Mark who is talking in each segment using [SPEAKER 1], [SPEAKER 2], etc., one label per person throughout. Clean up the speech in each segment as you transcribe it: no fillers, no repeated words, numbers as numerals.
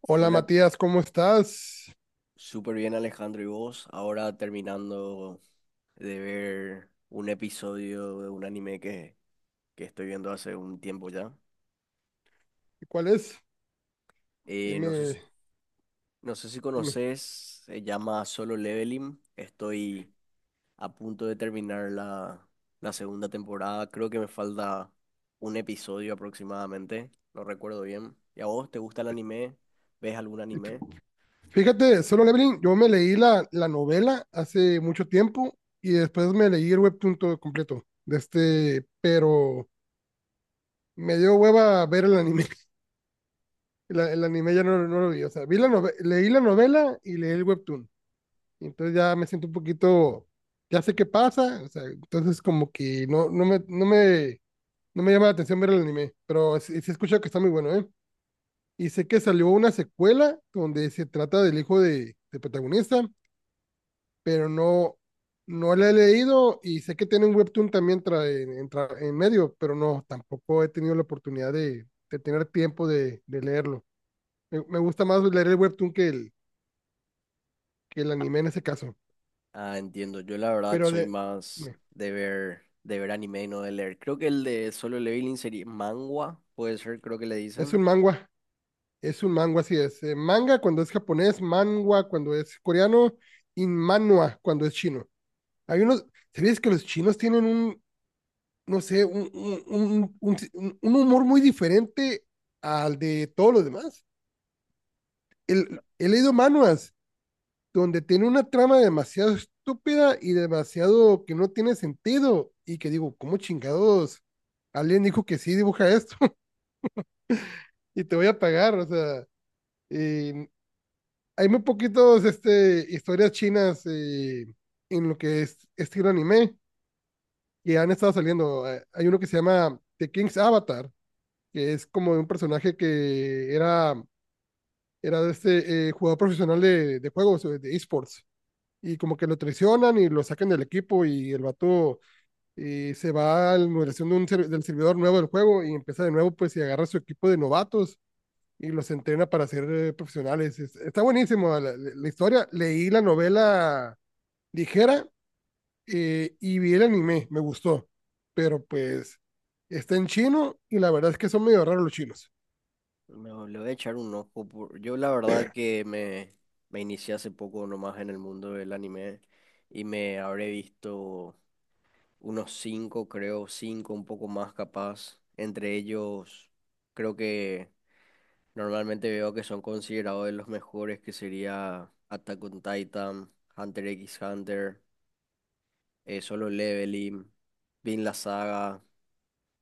[SPEAKER 1] Hola
[SPEAKER 2] Hola,
[SPEAKER 1] Matías, ¿cómo estás?
[SPEAKER 2] súper bien Alejandro, ¿y vos? Ahora terminando de ver un episodio de un anime que estoy viendo hace un tiempo ya.
[SPEAKER 1] ¿Cuál es?
[SPEAKER 2] No sé,
[SPEAKER 1] Dime,
[SPEAKER 2] no sé si
[SPEAKER 1] dime.
[SPEAKER 2] conoces, se llama Solo Leveling. Estoy a punto de terminar la segunda temporada. Creo que me falta un episodio aproximadamente, no recuerdo bien. ¿Y a vos te gusta el anime? ¿Ves algún anime?
[SPEAKER 1] Fíjate, Solo Leveling, yo me leí la novela hace mucho tiempo y después me leí el webtoon todo completo pero me dio hueva ver el anime. El anime ya no lo vi, o sea, leí la novela y leí el webtoon. Entonces ya me siento un ya sé qué pasa, o sea, entonces como que no me llama la atención ver el anime, pero sí, sí escucho que está muy bueno, ¿eh? Y sé que salió una secuela donde se trata del hijo de protagonista, pero no la he leído y sé que tiene un webtoon también en medio, pero no, tampoco he tenido la oportunidad de tener tiempo de leerlo. Me gusta más leer el webtoon que el anime en ese caso.
[SPEAKER 2] Ah, entiendo. Yo la verdad
[SPEAKER 1] Pero
[SPEAKER 2] soy
[SPEAKER 1] de,
[SPEAKER 2] más
[SPEAKER 1] me-
[SPEAKER 2] de ver anime y no de leer. Creo que el de Solo Leveling sería manga, puede ser, creo que le
[SPEAKER 1] es
[SPEAKER 2] dicen.
[SPEAKER 1] un es un manga, así es. Manga cuando es japonés, manhwa cuando es coreano y manhwa cuando es chino. Hay unos, ¿Sabías que los chinos tienen no sé, un si, un humor muy diferente al de todos los demás. He leído manuas donde tiene una trama demasiado estúpida y demasiado que no tiene sentido y que digo, ¿cómo chingados? Alguien dijo que sí, dibuja esto y te voy a pagar, o sea, eh, hay muy poquitos historias chinas en lo que es estilo anime que han estado saliendo. Hay uno que se llama The King's Avatar, que es como de un personaje era de jugador profesional de juegos, de esports. Y como que lo traicionan y lo sacan del equipo y el vato se va a la moderación de del servidor nuevo del juego y empieza de nuevo pues y agarra su equipo de novatos y los entrena para ser profesionales. Está buenísimo la historia. Leí la novela ligera y vi el anime, me gustó. Pero pues está en chino y la verdad es que son medio raros los chinos.
[SPEAKER 2] Le voy a echar un ojo. Yo la verdad que me inicié hace poco nomás en el mundo del anime y me habré visto unos cinco, creo, cinco, un poco más capaz. Entre ellos, creo que normalmente veo que son considerados de los mejores, que sería Attack on Titan, Hunter x Hunter. Solo Leveling, vi en la saga,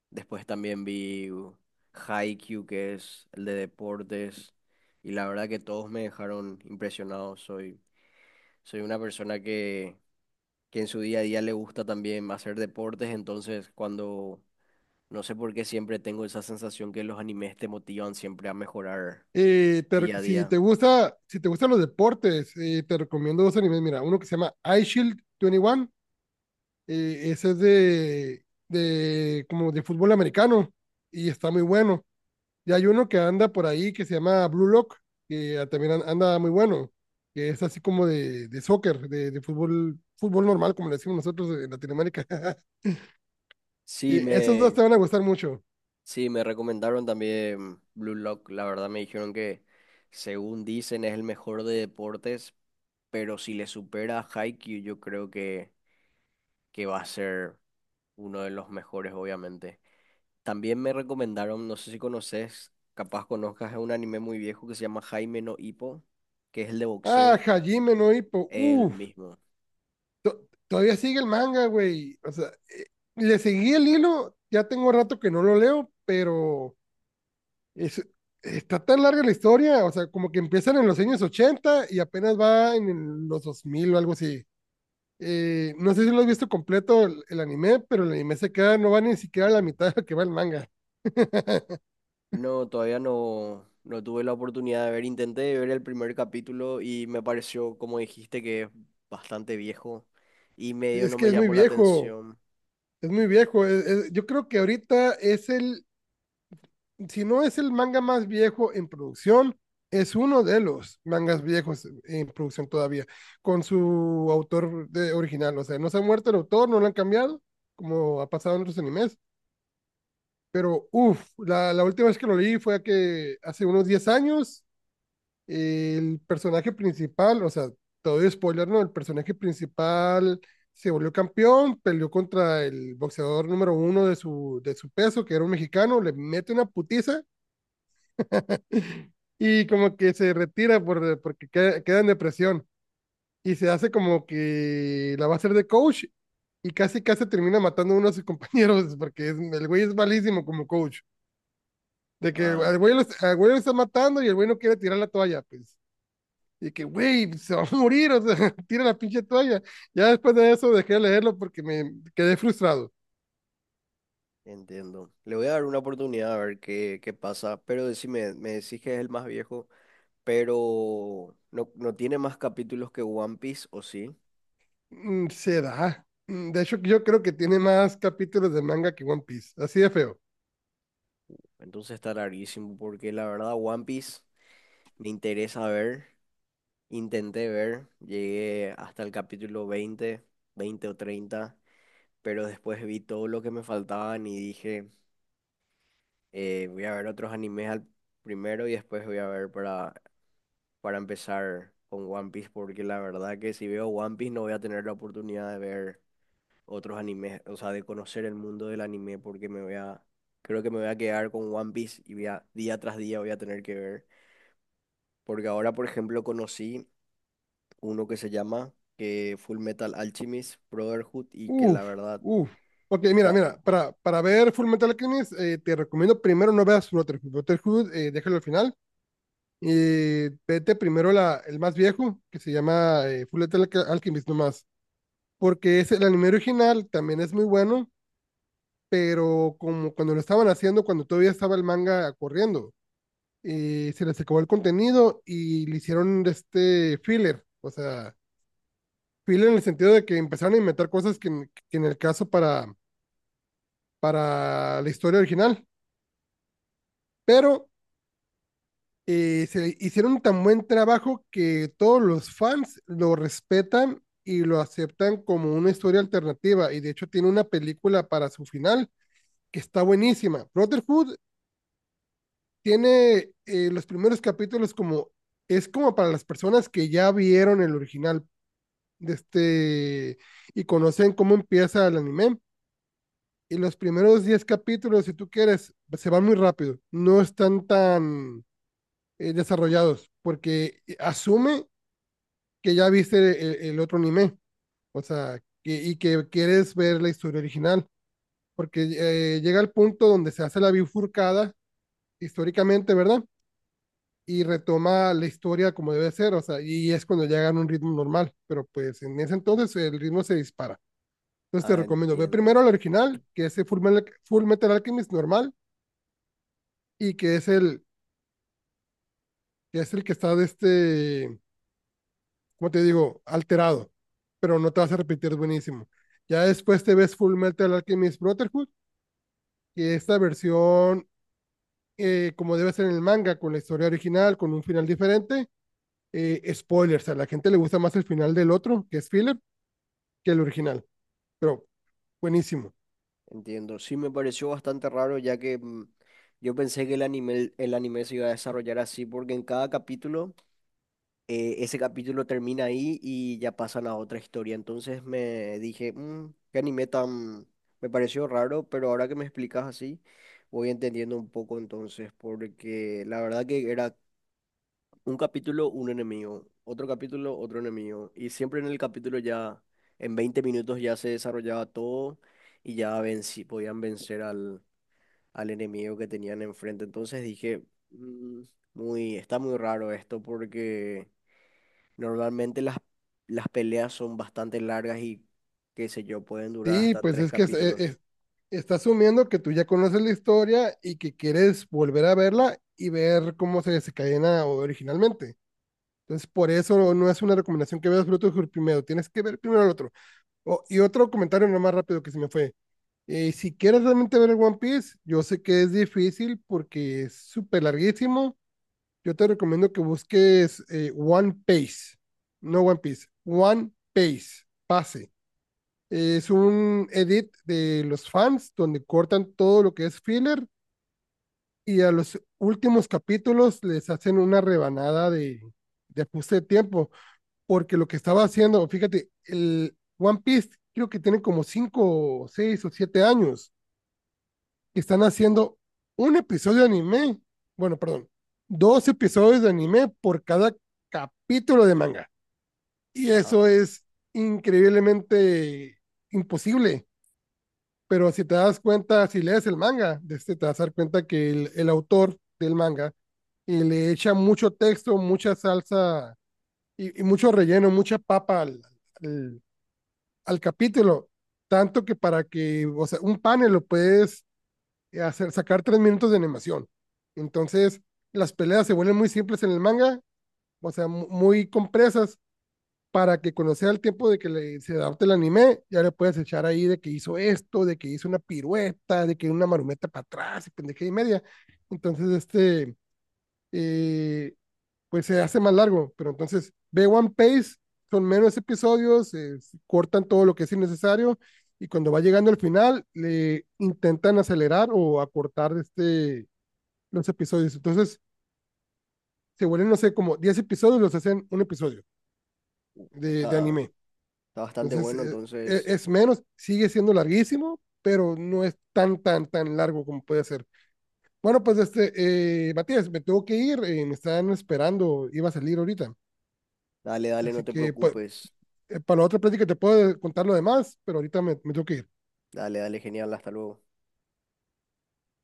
[SPEAKER 2] después también vi Haikyuu, que es el de deportes, y la verdad que todos me dejaron impresionado. Soy una persona que en su día a día le gusta también hacer deportes, entonces no sé por qué siempre tengo esa sensación que los animes te motivan siempre a mejorar día a
[SPEAKER 1] Si
[SPEAKER 2] día.
[SPEAKER 1] te gusta, si te gustan los deportes, te recomiendo dos animes. Mira, uno que se llama Ice Shield 21. Ese es de como de fútbol americano y está muy bueno. Y hay uno que anda por ahí que se llama Blue Lock, que también anda muy bueno, que es así como de soccer, de fútbol, fútbol normal, como le decimos nosotros en Latinoamérica. Y
[SPEAKER 2] Sí,
[SPEAKER 1] esos dos
[SPEAKER 2] me,
[SPEAKER 1] te van a gustar mucho.
[SPEAKER 2] sí, Me recomendaron también Blue Lock, la verdad me dijeron que según dicen es el mejor de deportes, pero si le supera a Haikyuu, yo creo que va a ser uno de los mejores, obviamente. También me recomendaron, no sé si conoces, capaz conozcas, es un anime muy viejo que se llama Jaime no Ippo, que es el de
[SPEAKER 1] Ah,
[SPEAKER 2] boxeo,
[SPEAKER 1] Hajime no Ippo.
[SPEAKER 2] el mismo.
[SPEAKER 1] Todavía sigue el manga, güey. O sea, le seguí el hilo, ya tengo rato que no lo leo, pero es, está tan larga la historia, o sea, como que empiezan en los años 80 y apenas va en los 2000 o algo así. No sé si lo has visto completo el anime, pero el anime se queda, no va ni siquiera a la mitad de lo que va el manga.
[SPEAKER 2] No, todavía no, no tuve la oportunidad de ver, intenté ver el primer capítulo y me pareció, como dijiste, que es bastante viejo y medio
[SPEAKER 1] Es
[SPEAKER 2] no
[SPEAKER 1] que
[SPEAKER 2] me
[SPEAKER 1] es muy
[SPEAKER 2] llamó la
[SPEAKER 1] viejo,
[SPEAKER 2] atención.
[SPEAKER 1] es muy viejo. Yo creo que ahorita es el, si no es el manga más viejo en producción, es uno de los mangas viejos en producción todavía, con su autor original. O sea, no se ha muerto el autor, no lo han cambiado, como ha pasado en otros animes. Pero, uff, la última vez que lo leí fue que hace unos 10, el personaje principal, o sea, todo spoiler, ¿no? El personaje principal se volvió campeón, peleó contra el boxeador número uno de su peso, que era un mexicano, le mete una putiza. Y como que se retira porque queda en depresión. Y se hace como que la va a hacer de coach. Y casi casi termina matando a uno de sus compañeros. Porque el güey es malísimo como coach. De que
[SPEAKER 2] Ah,
[SPEAKER 1] al al güey lo está matando y el güey no quiere tirar la toalla. Pues. Y que, güey, se va a morir. O sea, tira la pinche toalla. Ya después de eso dejé de leerlo porque me quedé frustrado.
[SPEAKER 2] entiendo. Le voy a dar una oportunidad a ver qué, qué pasa, pero decime, me decís que es el más viejo, pero no, no tiene más capítulos que One Piece, ¿o sí?
[SPEAKER 1] Mm, se da. Mm, de hecho, yo creo que tiene más capítulos de manga que One Piece. Así de feo.
[SPEAKER 2] Entonces está larguísimo, porque la verdad One Piece me interesa ver, intenté ver, llegué hasta el capítulo 20 20 o treinta, pero después vi todo lo que me faltaban y dije, voy a ver otros animes al primero y después voy a ver para empezar con One Piece, porque la verdad que si veo One Piece no voy a tener la oportunidad de ver otros animes, o sea, de conocer el mundo del anime, porque creo que me voy a quedar con One Piece y día tras día voy a tener que ver. Porque ahora, por ejemplo, conocí uno que se llama que Full Metal Alchemist Brotherhood y que la
[SPEAKER 1] Uf,
[SPEAKER 2] verdad
[SPEAKER 1] uf. Porque mira,
[SPEAKER 2] está...
[SPEAKER 1] mira, para ver Full Metal Alchemist, te recomiendo primero no veas Brotherhood. Brotherhood, déjalo al final. Y vete primero el más viejo, que se llama Alchemist nomás. Porque es el anime original, también es muy bueno, pero como cuando lo estaban haciendo, cuando todavía estaba el manga corriendo, se les acabó el contenido y le hicieron este filler. O sea, filler en el sentido de que empezaron a inventar cosas que en el caso para la historia original, pero se hicieron tan buen trabajo que todos los fans lo respetan y lo aceptan como una historia alternativa y de hecho tiene una película para su final que está buenísima. Brotherhood tiene los primeros capítulos como, es como para las personas que ya vieron el original de este y conocen cómo empieza el anime. Y los primeros 10 capítulos, si tú quieres, se van muy rápido. No están tan desarrollados, porque asume que ya viste el otro anime, o sea, que, y que quieres ver la historia original, porque llega al punto donde se hace la bifurcada históricamente, ¿verdad? Y retoma la historia como debe ser, o sea, y es cuando llegan a un ritmo normal, pero pues en ese entonces el ritmo se dispara. Entonces te
[SPEAKER 2] Ah,
[SPEAKER 1] recomiendo, ve primero el original, que es el Full Metal Alchemist normal, y que es el que está de este como te digo, alterado, pero no te vas a repetir, es buenísimo. Ya después te ves Full Metal Alchemist Brotherhood, que esta versión, como debe ser en el manga, con la historia original, con un final diferente. Spoilers, a la gente le gusta más el final del otro, que es filler, que el original, pero buenísimo.
[SPEAKER 2] entiendo. Sí, me pareció bastante raro ya que yo pensé que el anime se iba a desarrollar así porque en cada capítulo ese capítulo termina ahí y ya pasan a otra historia. Entonces me dije, "Mm, qué anime tan... Me pareció raro, pero ahora que me explicas así, voy entendiendo un poco entonces, porque la verdad que era un capítulo, un enemigo, otro capítulo, otro enemigo. Y siempre en el capítulo ya, en 20 minutos ya se desarrollaba todo y ya vencí, podían vencer al enemigo que tenían enfrente. Entonces dije, "Mm, muy, está muy raro esto porque... Normalmente las peleas son bastante largas qué sé yo, pueden durar
[SPEAKER 1] Sí,
[SPEAKER 2] hasta
[SPEAKER 1] pues
[SPEAKER 2] tres
[SPEAKER 1] es que
[SPEAKER 2] capítulos.
[SPEAKER 1] está asumiendo que tú ya conoces la historia y que quieres volver a verla y ver cómo se desencadena originalmente. Entonces, por eso no es una recomendación que veas Brotherhood primero, tienes que ver primero el otro. Oh, y otro comentario nomás rápido que se me fue. Si quieres realmente ver el One Piece, yo sé que es difícil porque es súper larguísimo. Yo te recomiendo que busques One Piece, no One Piece, One Piece, pase. Es un edit de los fans donde cortan todo lo que es filler y a los últimos capítulos les hacen una rebanada de ajuste de tiempo porque lo que estaba haciendo, fíjate, el One Piece creo que tiene como cinco, 6 o 7 años que están haciendo un episodio de anime, bueno, perdón, dos episodios de anime por cada capítulo de manga. Y
[SPEAKER 2] Ah,
[SPEAKER 1] eso es increíblemente imposible. Pero si te das cuenta, si lees el manga, te vas a dar cuenta que el autor del manga y le echa mucho texto, mucha salsa y mucho relleno, mucha papa al al capítulo, tanto que para que, o sea, un panel lo puedes hacer, sacar 3 de animación. Entonces, las peleas se vuelven muy simples en el manga, o sea, muy compresas para que cuando sea el tiempo de que se adapte el anime, ya le puedes echar ahí de que hizo esto, de que hizo una pirueta, de que una marumeta para atrás y pendeja y media. Entonces, eh, pues se hace más largo, pero entonces ve One Piece, son menos episodios, cortan todo lo que es innecesario y cuando va llegando al final le intentan acelerar o acortar los episodios. Entonces se vuelven, no sé, como 10, los hacen un episodio de
[SPEAKER 2] está,
[SPEAKER 1] anime.
[SPEAKER 2] está bastante
[SPEAKER 1] Entonces
[SPEAKER 2] bueno,
[SPEAKER 1] eh,
[SPEAKER 2] entonces,
[SPEAKER 1] es menos, sigue siendo larguísimo, pero no es tan, tan, tan largo como puede ser. Bueno, pues este, Matías, me tengo que ir, me están esperando, iba a salir ahorita.
[SPEAKER 2] dale, dale, no
[SPEAKER 1] Así
[SPEAKER 2] te
[SPEAKER 1] que pues,
[SPEAKER 2] preocupes.
[SPEAKER 1] para la otra plática te puedo contar lo demás, pero ahorita me tengo que ir.
[SPEAKER 2] Dale, dale, genial, hasta luego.